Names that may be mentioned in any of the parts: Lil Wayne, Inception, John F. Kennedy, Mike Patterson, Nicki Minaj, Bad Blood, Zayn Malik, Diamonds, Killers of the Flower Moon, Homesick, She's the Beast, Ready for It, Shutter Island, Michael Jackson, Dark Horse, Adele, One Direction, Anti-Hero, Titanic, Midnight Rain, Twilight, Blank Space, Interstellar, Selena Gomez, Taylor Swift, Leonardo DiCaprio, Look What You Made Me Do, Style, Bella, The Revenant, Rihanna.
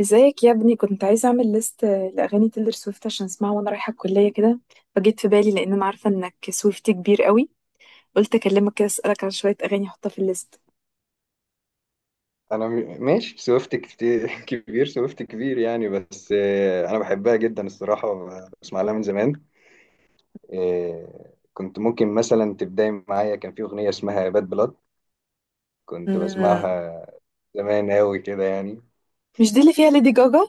ازيك يا ابني؟ كنت عايزة اعمل ليست لاغاني تيلر سويفت عشان اسمعها وانا رايحة الكلية كده. فجيت في بالي لان انا عارفة انك سويفتي كبير قوي. قلت اكلمك كده، اسالك عن شوية اغاني احطها في الليست. انا ماشي سويفت كتير كبير سويفت كبير يعني، بس انا بحبها جدا الصراحه. بسمع لها من زمان. كنت ممكن مثلا تبداي معايا، كان في اغنيه اسمها باد بلاد. كنت مم. بسمعها زمان قوي كده يعني. مش دي اللي فيها ليدي جاجا؟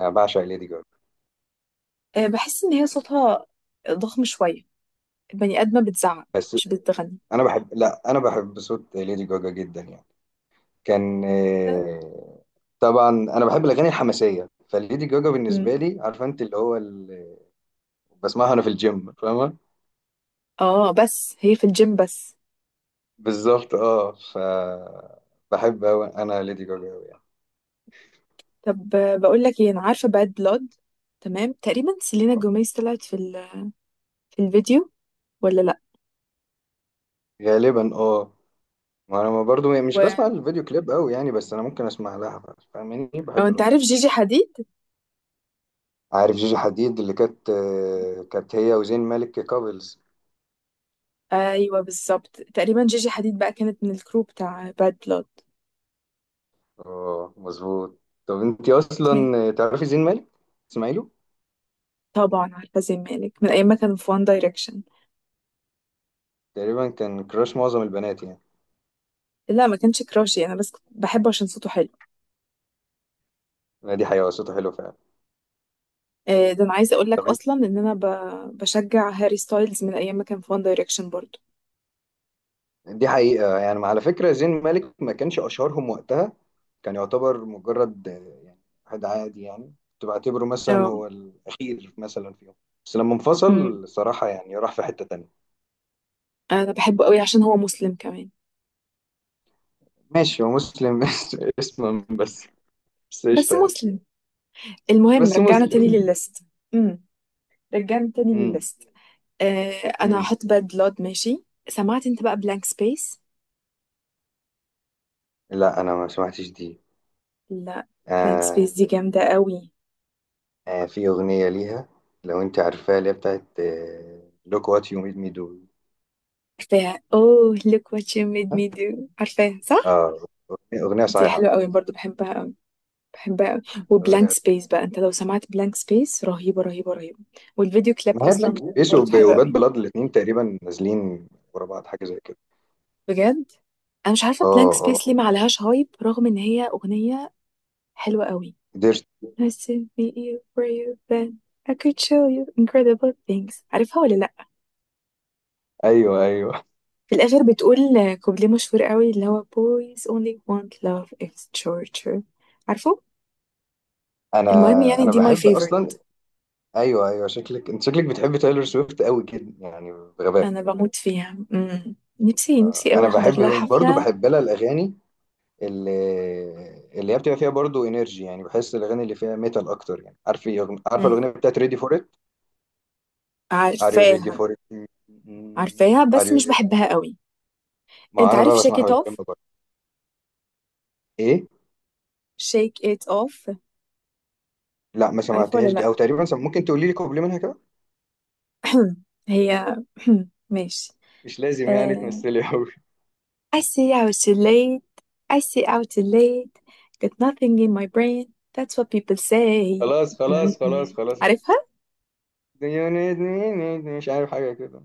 انا بعشق ليدي جاجا. بحس ان هي صوتها ضخم شوية. البني ادمة بتزعق بس مش بتغني. انا بحب لا انا بحب صوت ليدي جاجا جدا يعني. كان آه، طبعا انا بحب الاغاني الحماسيه، فليدي جاجا بالنسبه مم. لي، عارفه انت، اللي هو اللي بسمعها انا في الجيم، فاهمه. اه، بس هي في الجيم بس. بالظبط اه، بحب أوي انا ليدي جاجا أوي يعني. طب، بقول لك ايه، انا عارفة باد بلاد. تمام، تقريبا سيلينا جوميز طلعت في الفيديو ولا لا؟ غالبا اه. ما انا برضو يعني مش و... بسمع الفيديو كليب قوي يعني، بس انا ممكن اسمع لها. فاهماني، او بحب انت الاغنيه عارف اكتر. جيجي حديد؟ عارف جيجي حديد، اللي كانت هي وزين مالك كابلز. ايوه، بالظبط، تقريبا جيجي حديد بقى كانت من الكروب بتاع باد بلود. اه مظبوط. طب انت اوكي. اصلا تعرفي زين مالك؟ تسمعي له؟ طبعا عارفه زي مالك من ايام ما كانوا في وان دايركشن. تقريبا كان كراش معظم البنات يعني. لا، ما كانش كراشي، انا بس كنت بحبه عشان صوته حلو. ما دي حقيقه، صوته حلو فعلا. ده انا عايزه اقول لك طب إنت- اصلا ان انا بشجع هاري ستايلز من ايام ما كان في وان دايركشن برضو. دي حقيقه، يعني على فكره زين مالك ما كانش اشهرهم وقتها. كان يعتبر مجرد يعني واحد عادي يعني، كنت بعتبره مثلا اه. هو الأخير مثلا فيهم. بس لما امم انفصل صراحة يعني راح في حتة تانية. انا بحبه قوي عشان هو مسلم كمان. ماشي، هو مسلم بس اسما بس. بس بس قشطة يعني. مسلم. المهم، بس رجعنا تاني مسلم. للليست. امم رجعنا تاني امم. للليست. آه، انا امم. هحط باد بلود، ماشي. سمعت انت بقى بلانك سبيس؟ لا، أنا ما سمعتش دي. لا. بلانك آه. سبيس دي جامدة قوي. في أغنية ليها، لو أنت عارفاها، اللي هي بتاعت Look what you made me do. عارفاها، اوه look what you made me do، عارفاها صح؟ اه، أغنية أغنية دي صايعة. حلوة قوي برضو، بحبها قوي. بحبها قوي. وبلانك أغنية سبيس بقى، انت لو سمعت بلانك سبيس رهيبة، رهيبة، رهيبة. والفيديو كليب ما هي بلانك اصلا سبيس برضو حلو وباد قوي. بلاد الاتنين تقريبا نازلين ورا بعض حاجة زي كده. بجد؟ انا مش عارفة اه بلانك اه، سبيس ليه ما عليهاش هايب رغم ان هي اغنية حلوة قوي. قدرت. Nice to meet you were you then، I could show you incredible things، عارفها ولا لا؟ ايوه ايوه، في الآخر بتقول، كوبليه مشهور قوي اللي هو boys only want love is torture، عارفه؟ انا المهم، يعني انا دي my بحب اصلا. favorite. ايوه ايوه، شكلك بتحب تايلور سويفت قوي كده يعني، بغباء. أنا بموت فيها. مم. نفسي، نفسي قوي انا أحضر لها بحب، برضو حفلة. بحب لها الاغاني اللي اللي هي بتبقى فيها برضو انرجي يعني، بحس الاغاني اللي فيها ميتال اكتر يعني، عارف، عارفه مم. الاغنيه بتاعت ريدي فور ات؟ ار يو ريدي عارفاها. فور ات؟ عارفاها ار بس يو مش ريدي. بحبها قوي. ما أنت انا عارف بقى shake بسمعها it off؟ بالكلمه برضه. ايه؟ Shake it off. لا ما عارفه ولا سمعتهاش دي، لأ؟ او تقريبا ممكن تقولي لي كوبلي منها كده. هي ماشي. مش لازم يعني آه... تمثلي قوي. I see out too late. I see out too late. Got nothing in my brain. That's what people say. خلاص خلاص م- خلاص م. خلاص. عارفها. ديونيزني، مش عارف حاجة كده،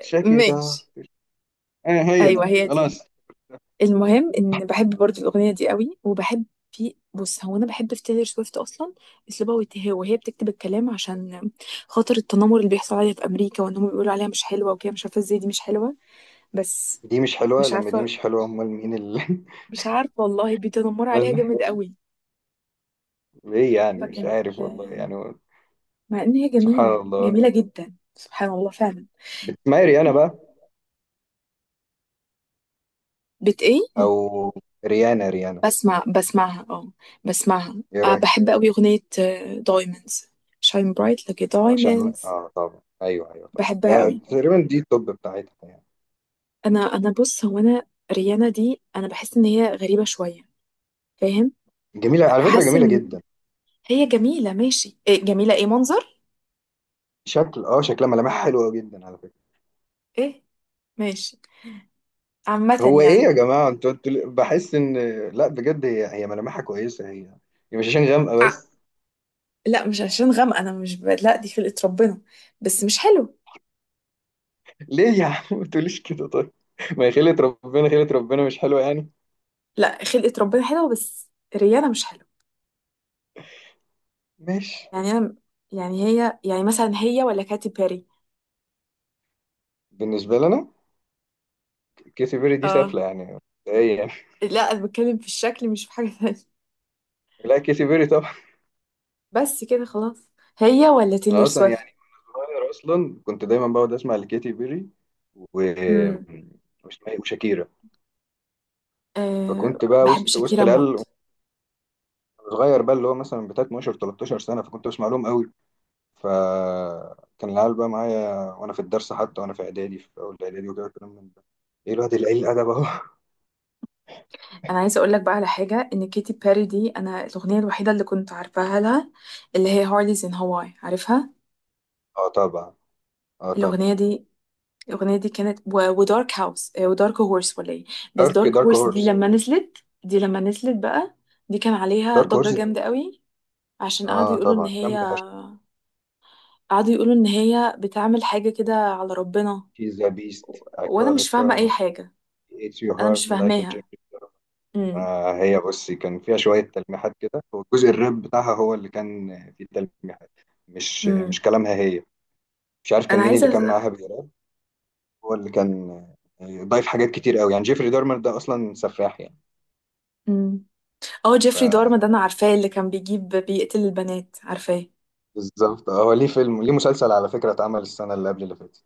شاكي ده. ماشي. اه هي ايوه، دي، هي دي. خلاص. المهم ان بحب برضو الاغنيه دي قوي، وبحب. بص، هو انا بحب في تايلور سويفت اصلا، اسلوبها وهي بتكتب الكلام عشان خاطر التنمر اللي بيحصل عليها في امريكا، وان هم بيقولوا عليها مش حلوه وكده، مش عارفه ازاي دي مش حلوه. بس. دي مش حلوة؟ مش لما دي عارفه، مش حلوة أمال مين اللي مش عارفه والله، بيتنمروا عليها أمال؟ جامد قوي. ليه يعني؟ مش فكانت. عارف والله يعني. مع ان هي سبحان جميله الله. جميله جدا، سبحان الله فعلا. بتسمعي ريانا بقى؟ بت ايه؟ أو ريانا، ريانا. بسمعها اه. بسمعها. إيه أه، رأيك؟ بحب قوي أغنية دايموندز. شاين برايت لك عشان دايموندز. اه، طبعا أيوه أيوه طبعا، بحبها يعني قوي. تقريبا دي التوب بتاعتها يعني. انا، بص، هو انا، ريانا دي انا بحس ان هي غريبة شوية. فاهم؟ جميلة على فكرة، حاسة جميلة ان جدا. هي جميلة، ماشي، إيه جميلة؟ ايه منظر؟ شكلها ملامحها حلوة جدا على فكرة. ايه. ماشي. عامة هو إيه يا يعني. جماعة، أنتوا بحس إن، لا بجد هي ملامحها كويسة، هي. هي مش عشان غامقة ع- بس. لا، مش عشان غامقة، انا مش ب... لا دي خلقة ربنا. بس مش حلو. ليه يا عم ما تقوليش كده طيب. ما هي خيلة ربنا، خيلة ربنا مش حلوة يعني. لا، خلقة ربنا حلوة بس ريانا مش حلوة. ماشي. يعني انا، يعني هي، يعني مثلا هي ولا كاتي بيري؟ بالنسبة لنا كيسي بيري دي اه. سافلة يعني. ايه يعني. لا، انا بتكلم في الشكل مش في حاجة تانية. لا كيسي بيري طبعا. بس كده خلاص. هي ولا تيلر انا اصلا يعني، سويفت؟ صغير اصلا كنت دايما بقعد اسمع لكيتي بيري و امم واسمها إيه؟ وشاكيرا. أه، فكنت بقى بحب وسط وسط شاكيرا العيال، موت. صغير بقى، اللي هو مثلا بتاع 12 13 سنة، فكنت بسمع لهم قوي. فكان العيال بقى معايا وانا في الدرس، حتى وانا في اعدادي، في اول اعدادي وكده، كلام من ده. ايه الواد القليل الادب اهو انا عايزه اقول لك بقى على حاجه، ان كيتي بيري دي انا الاغنيه الوحيده اللي كنت عارفاها لها، اللي هي هارليز ان هواي، عارفها. اه طبعا، اه طبعا. الاغنيه دي الاغنيه دي كانت ودارك هاوس، ودارك هورس ولا ايه؟ بس دارك دارك دارك هورس دي هورس. لما نزلت بقى، دي كان عليها دارك ضجه هورس، جامده قوي. عشان اه طبعا جامدة فشخ. قعدوا يقولوا ان هي بتعمل حاجه كده على ربنا، شيز ذا بيست، I وانا call it مش فاهمه اي karma، حاجه. it's your انا heart مش like a فاهماها. Jeffrey Dahmer. امم هي بصي، كان فيها شوية تلميحات كده، والجزء الراب بتاعها هو اللي كان فيه تلميحات، مش امم مش كلامها هي. مش عارف كان انا مين اللي كان عايزه. معاها بيراب، هو اللي كان ضايف حاجات كتير قوي يعني، جيفري دارمر ده أصلا سفاح يعني. امم اه جيفري دارما ده انا عارفاه اللي كان بيجيب بيقتل البنات، عارفاه. فبالظبط هو ليه فيلم، ليه مسلسل على فكرة اتعمل السنة اللي قبل اللي فاتت.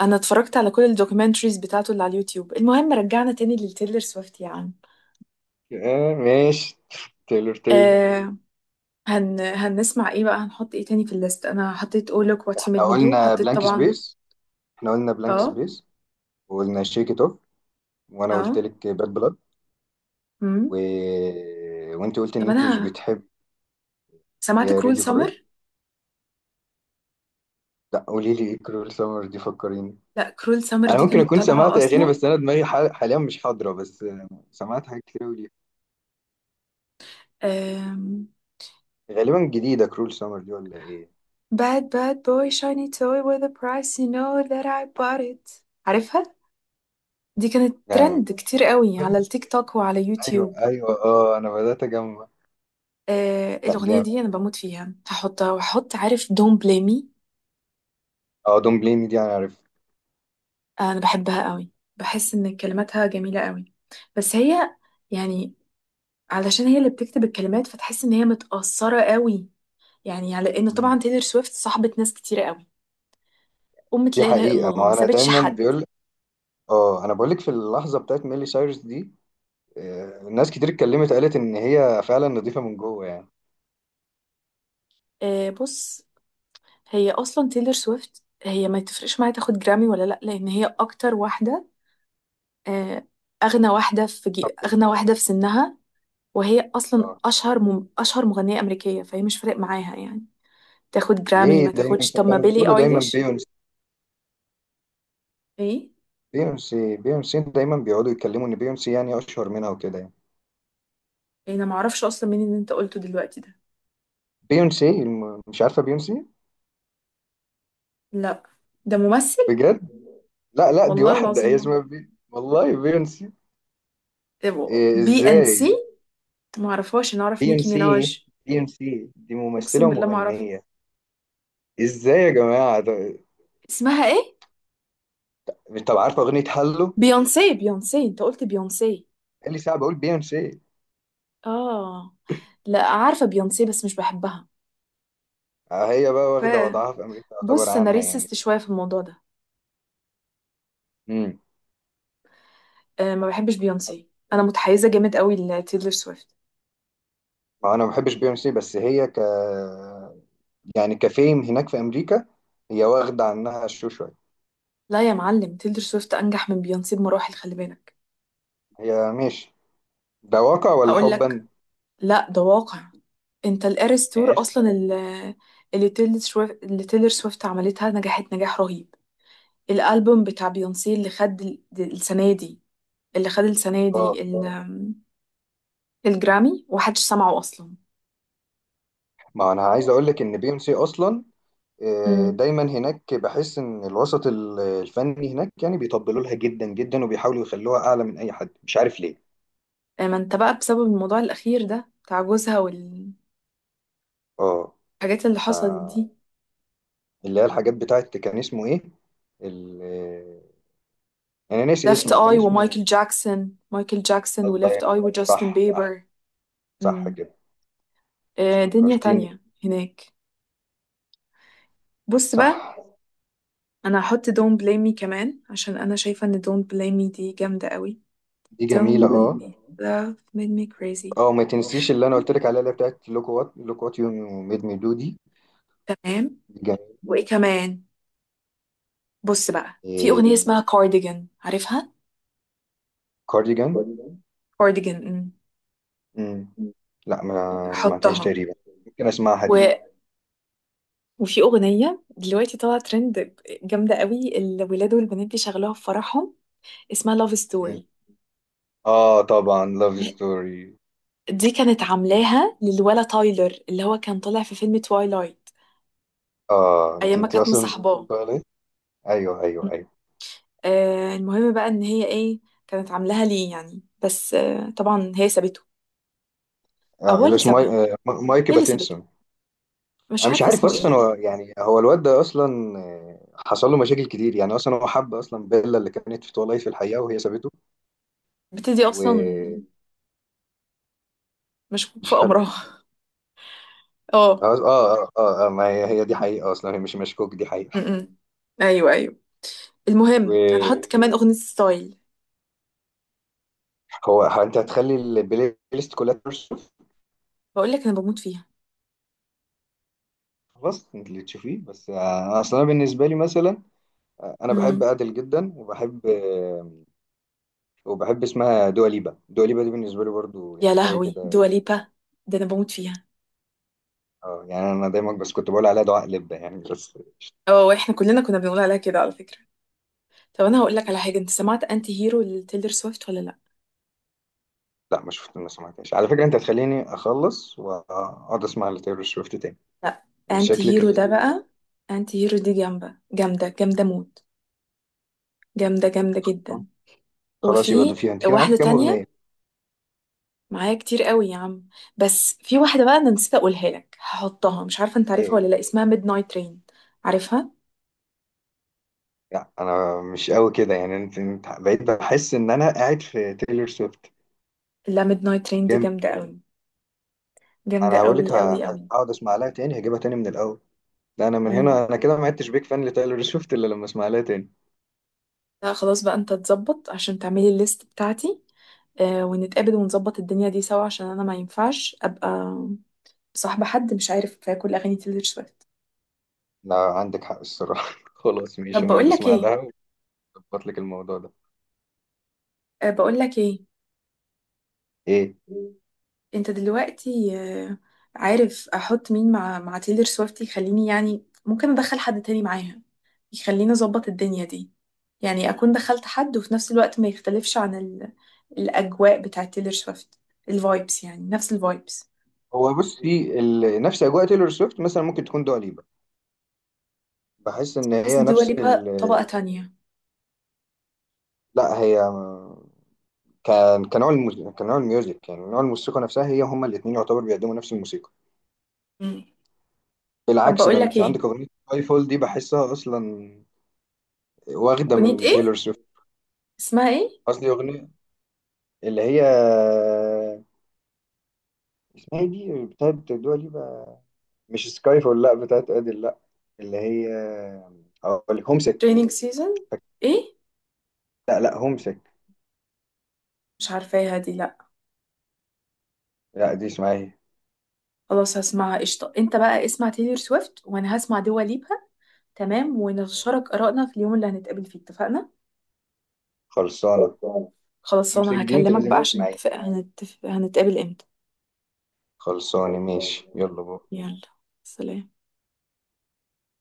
انا اتفرجت على كل الدوكيومنتريز بتاعته اللي على اليوتيوب. المهم، رجعنا تاني للتيلر سويفت يا عم. آه ماشي تايلور تايلور. آه هنسمع ايه بقى؟ هنحط ايه تاني في الليست؟ انا حطيت oh look what you made احنا me do، قلنا حطيت بلانك طبعا. سبيس، احنا قلنا بلانك اه، سبيس، وقلنا شيك ات اوف، وانا اه. قلت لك باد بلاد، و... امم وانت قلت ان طب، انت مش انا بتحب، اللي سمعت هي كرول ريدي فور ات. سمر. لا قولي لي، ايه كرول سمر دي؟ فكريني. لا، كرول سمر انا دي ممكن كانت اكون طالعه سمعت اغاني، اصلا. بس انا دماغي حاليا مش حاضره بس، سمعت حاجات كتير قوي ليها. آه غالبا جديده كرول سمر دي ولا ايه؟ Bad bad boy shiny toy with a price you know that I bought it، عارفها؟ دي كانت آه. ترند كتير قوي على التيك توك وعلى ايوه يوتيوب. ايوه، اه انا بدات اجمع. لا الأغنية جامد. دي أنا بموت فيها، هحطها. وهحط عارف Don't Blame Me. اه دون بليم دي انا عارف. أنا بحبها قوي، بحس إن كلماتها جميلة قوي. بس هي يعني، علشان هي اللي بتكتب الكلمات فتحس إن هي متأثرة قوي. يعني على إن طبعا مم. تيلر سويفت صاحبة ناس كتير قوي، أمة دي لا إله إلا حقيقه، الله، ما ما انا سابتش دايما حد. بيقول. اه انا بقول لك، في اللحظه بتاعت ميلي سايرس دي ناس كتير اتكلمت قالت ان هي فعلا نظيفه من جوه يعني. بص، هي اصلا تيلر سويفت هي ما تفرقش معايا تاخد جرامي ولا لا، لان هي اكتر واحده، آه، طب. اغنى واحده في سنها، وهي اصلا آه. اشهر مغنيه امريكيه، فهي مش فارق معاها يعني. تاخد جرامي ليه ما دايما تاخدش. طب، ما كانوا بيقولوا بيلي دايما ايليش. بيونسي؟ ايه؟ بيونسي بيونسي دايما بيقعدوا يتكلموا ان بيونسي يعني اشهر منها وكده يعني. إيه، انا ما اعرفش اصلا مين اللي انت قلته دلوقتي ده. بيونسي مش عارفه بيونسي؟ لا، ده ممثل. بجد؟ لا لا، دي والله واحده، هي العظيم ما، اسمها والله بيونسي. إيه بي اند سي، ازاي؟ ما اعرفهاش، انا اعرف نيكي بيونسي، ميناج. بيونسي دي ممثله اقسم بالله ما اعرفها. ومغنيه. ازاي يا جماعه ده... اسمها ايه؟ طب عارفه اغنيه هالو؟ بيونسي؟ بيونسي؟ انت قلت بيونسي؟ قال لي ساعه بقول بيونسي. اه. لا، عارفة بيونسي بس مش بحبها. هي بقى واخده كفايه. وضعها في امريكا، يعتبر بص، انا عنها يعني. ريسست شوية في الموضوع ده. امم. أه، ما بحبش بيونسي، انا متحيزة جامد قوي لتيلر سويفت. ما انا ما بحبش بي ام سي، بس هي يعني كفيم هناك في امريكا، هي واخده عنها الشو شويه. لا يا معلم، تيلر سويفت انجح من بيونسي بمراحل، خلي بالك. هي ماشي. ده واقع ولا هقول لك. حبا؟ لا، ده واقع. انت الاريس تور ماشي. اصلا اللي تيلر سويفت عملتها نجحت نجاح رهيب. الالبوم بتاع بيونسي اللي خد السنة اه، دي الجرامي، ومحدش سمعه اصلا. ما انا عايز اقول لك، ان بي ام سي اصلا دايما هناك، بحس ان الوسط الفني هناك يعني بيطبلوا لها جدا جدا، وبيحاولوا يخلوها اعلى من اي حد، مش عارف ليه. ما انت بقى بسبب الموضوع الأخير ده بتاع جوزها والحاجات اه اللي ف حصلت دي. اللي هي الحاجات بتاعت، كان اسمه ايه؟ ال... آه، انا ناسي ليفت اسمه، كان اي اسمه ومايكل جاكسون مايكل جاكسون الله وليفت اي يرحمه. وجاستن صح صح. بيبر. صح امم كده. دنيا فكرتيني. تانية هناك. بص بقى، صح. انا هحط دون بليم مي كمان، عشان انا شايفة ان دون بليم مي دي جامدة قوي. دي جميلة دون بليم اه. مي love made me crazy. اه، وما تنسيش اللي انا قلت لك عليها، اللي هي بتاعت لوك وات يو ميد مي دو دي. تمام. دي جميلة. وايه كمان؟ بص بقى، في إيه. أغنية اسمها كارديجان، عارفها؟ كارديجان. كارديجان. مم. لا ما هحطها. سمعتهاش تقريبا. ممكن اسمعها دي. وفي أغنية دلوقتي طالعة ترند، جامدة قوي، الولاد والبنات بيشغلوها في فرحهم، اسمها لاف مم. ستوري. اه طبعا لاف ستوري. دي كانت عاملاها للولا تايلر اللي هو كان طالع في فيلم توايلايت، اه، انت أيام ما انت كانت اصلا مصاحباه. بتقولي؟ ايوه ايوه ايوه. المهم بقى إن هي إيه، كانت عاملاها ليه يعني، بس طبعا هي سابته. أو اه، هو اللي اللي اسمه سابها. مايك هي اللي سابته، باتنسون. مش انا مش عارفة عارف اسمه اصلا، إيه. هو يعني هو الواد ده اصلا حصل له مشاكل كتير يعني، اصلا هو حب اصلا بيلا اللي كانت في تولايت في الحقيقه وهي سابته، بتدي أصلا، ومش مشكوك في حلو. أمرها. اه. اه اه اه، ما هي دي حقيقة اصلا، هي مش مشكوك، دي حقيقة. م-م. أيوه، أيوه. المهم هنحط كمان أغنية ستايل. وهو انت هتخلي البلاي ليست كلها ترشف؟ بقول لك أنا بموت فيها. خلاص انت اللي تشوفيه بس، اصلا أنا بالنسبة لي مثلا انا بحب امم ادل جدا، وبحب وبحب اسمها دوا ليبا، دوا ليبا دي بالنسبة لي برضو يا يعني حاجة لهوي كده. دواليبا، ده انا بموت فيها. اه يعني، انا دايما بس كنت بقول عليها دعاء لبة يعني بس. اه، احنا كلنا كنا بنقول عليها كده على فكرة. طب، انا هقول لك على حاجة، انت سمعت انتي هيرو لتيلر سويفت ولا لا؟ لا ما شفت، ما سمعتهاش على فكرة، انت هتخليني اخلص واقعد اسمع لتايلور سويفت تاني، لا. ان انتي شكلك هيرو انت. ده بقى، انتي هيرو دي جامدة، جامدة، جامدة موت. جامدة، جامدة جدا. خلاص يبقى وفي دو فيها. انت كده معاكي واحدة كام تانية اغنية؟ معايا كتير قوي يا عم. بس في واحدة بقى انا نسيت اقولها لك، هحطها، مش عارفة انت عارفها إيه؟ ولا لا، اسمها ميد نايت رين، عارفها؟ لا انا مش قوي كده يعني، انت بقيت بحس ان انا قاعد في تايلور سويفت. لا، ميد نايت رين دي جامد. جامدة قوي، انا جامدة هقول لك، قوي، قوي، قوي. هقعد اسمع لها تاني، هجيبها تاني من الاول. لا انا من مم. هنا، انا كده ما عدتش بيك فان لتايلور سويفت الا لما اسمع لها تاني. لا خلاص بقى، انت تظبط عشان تعملي الليست بتاعتي. ونتقابل ونظبط الدنيا دي سوا، عشان انا ما ينفعش ابقى صاحبة حد مش عارف كل اغاني تيلور سويفت. لا عندك حق الصراحه خلاص طب، ماشي نقعد بقول لك اسمع لها، ايه؟ واظبط لك الموضوع ده. بقول لك ايه. ايه. انت دلوقتي، عارف احط مين مع تيلور سويفت يخليني، يعني ممكن ادخل حد تاني معاها، يخليني اظبط الدنيا دي. يعني اكون دخلت حد وفي نفس الوقت ما يختلفش عن الاجواء بتاعت تيلور سويفت. الفايبس، يعني نفس الفايبس. هو بصي، نفس اجواء تايلور سويفت مثلا ممكن تكون دوا ليبا. بحس ان بحس هي الدول نفس يبقى طبقة تانية. لا هي، كنوع الموسيقى، كنوع الميوزك، يعني نوع الموسيقى نفسها هي، هما الاثنين يعتبر بيقدموا نفس الموسيقى. مم. طب، بالعكس، ده بقول لك انت عندك ايه. اغنيه سكاي فول دي بحسها اصلا واخده اغنية من ايه؟ تايلور سويفت. اسمها ايه؟ قصدي اغنيه، اللي هي اسمها ايه دي بتاعت دوا ليبا، مش سكاي فول، لا بتاعت ادل لا، اللي هي، اقول لك هومسك. Training season. ايه؟ لا لا، هومسك. مش عارفاها دي، لا. لا دي اسمها ايه. خلاص، هسمعها. قشطة، انت بقى اسمع تايلور سويفت وانا هسمع دوا ليبا. تمام، ونتشارك آرائنا في اليوم اللي هنتقابل فيه، اتفقنا؟ خلصانه. خلاص، هومسك انا دي انت هكلمك لازم بقى عشان تسمعيها. نتفق. هنتفق هنتقابل امتى؟ خلصانه ماشي، يلا بقى. يلا. سلام.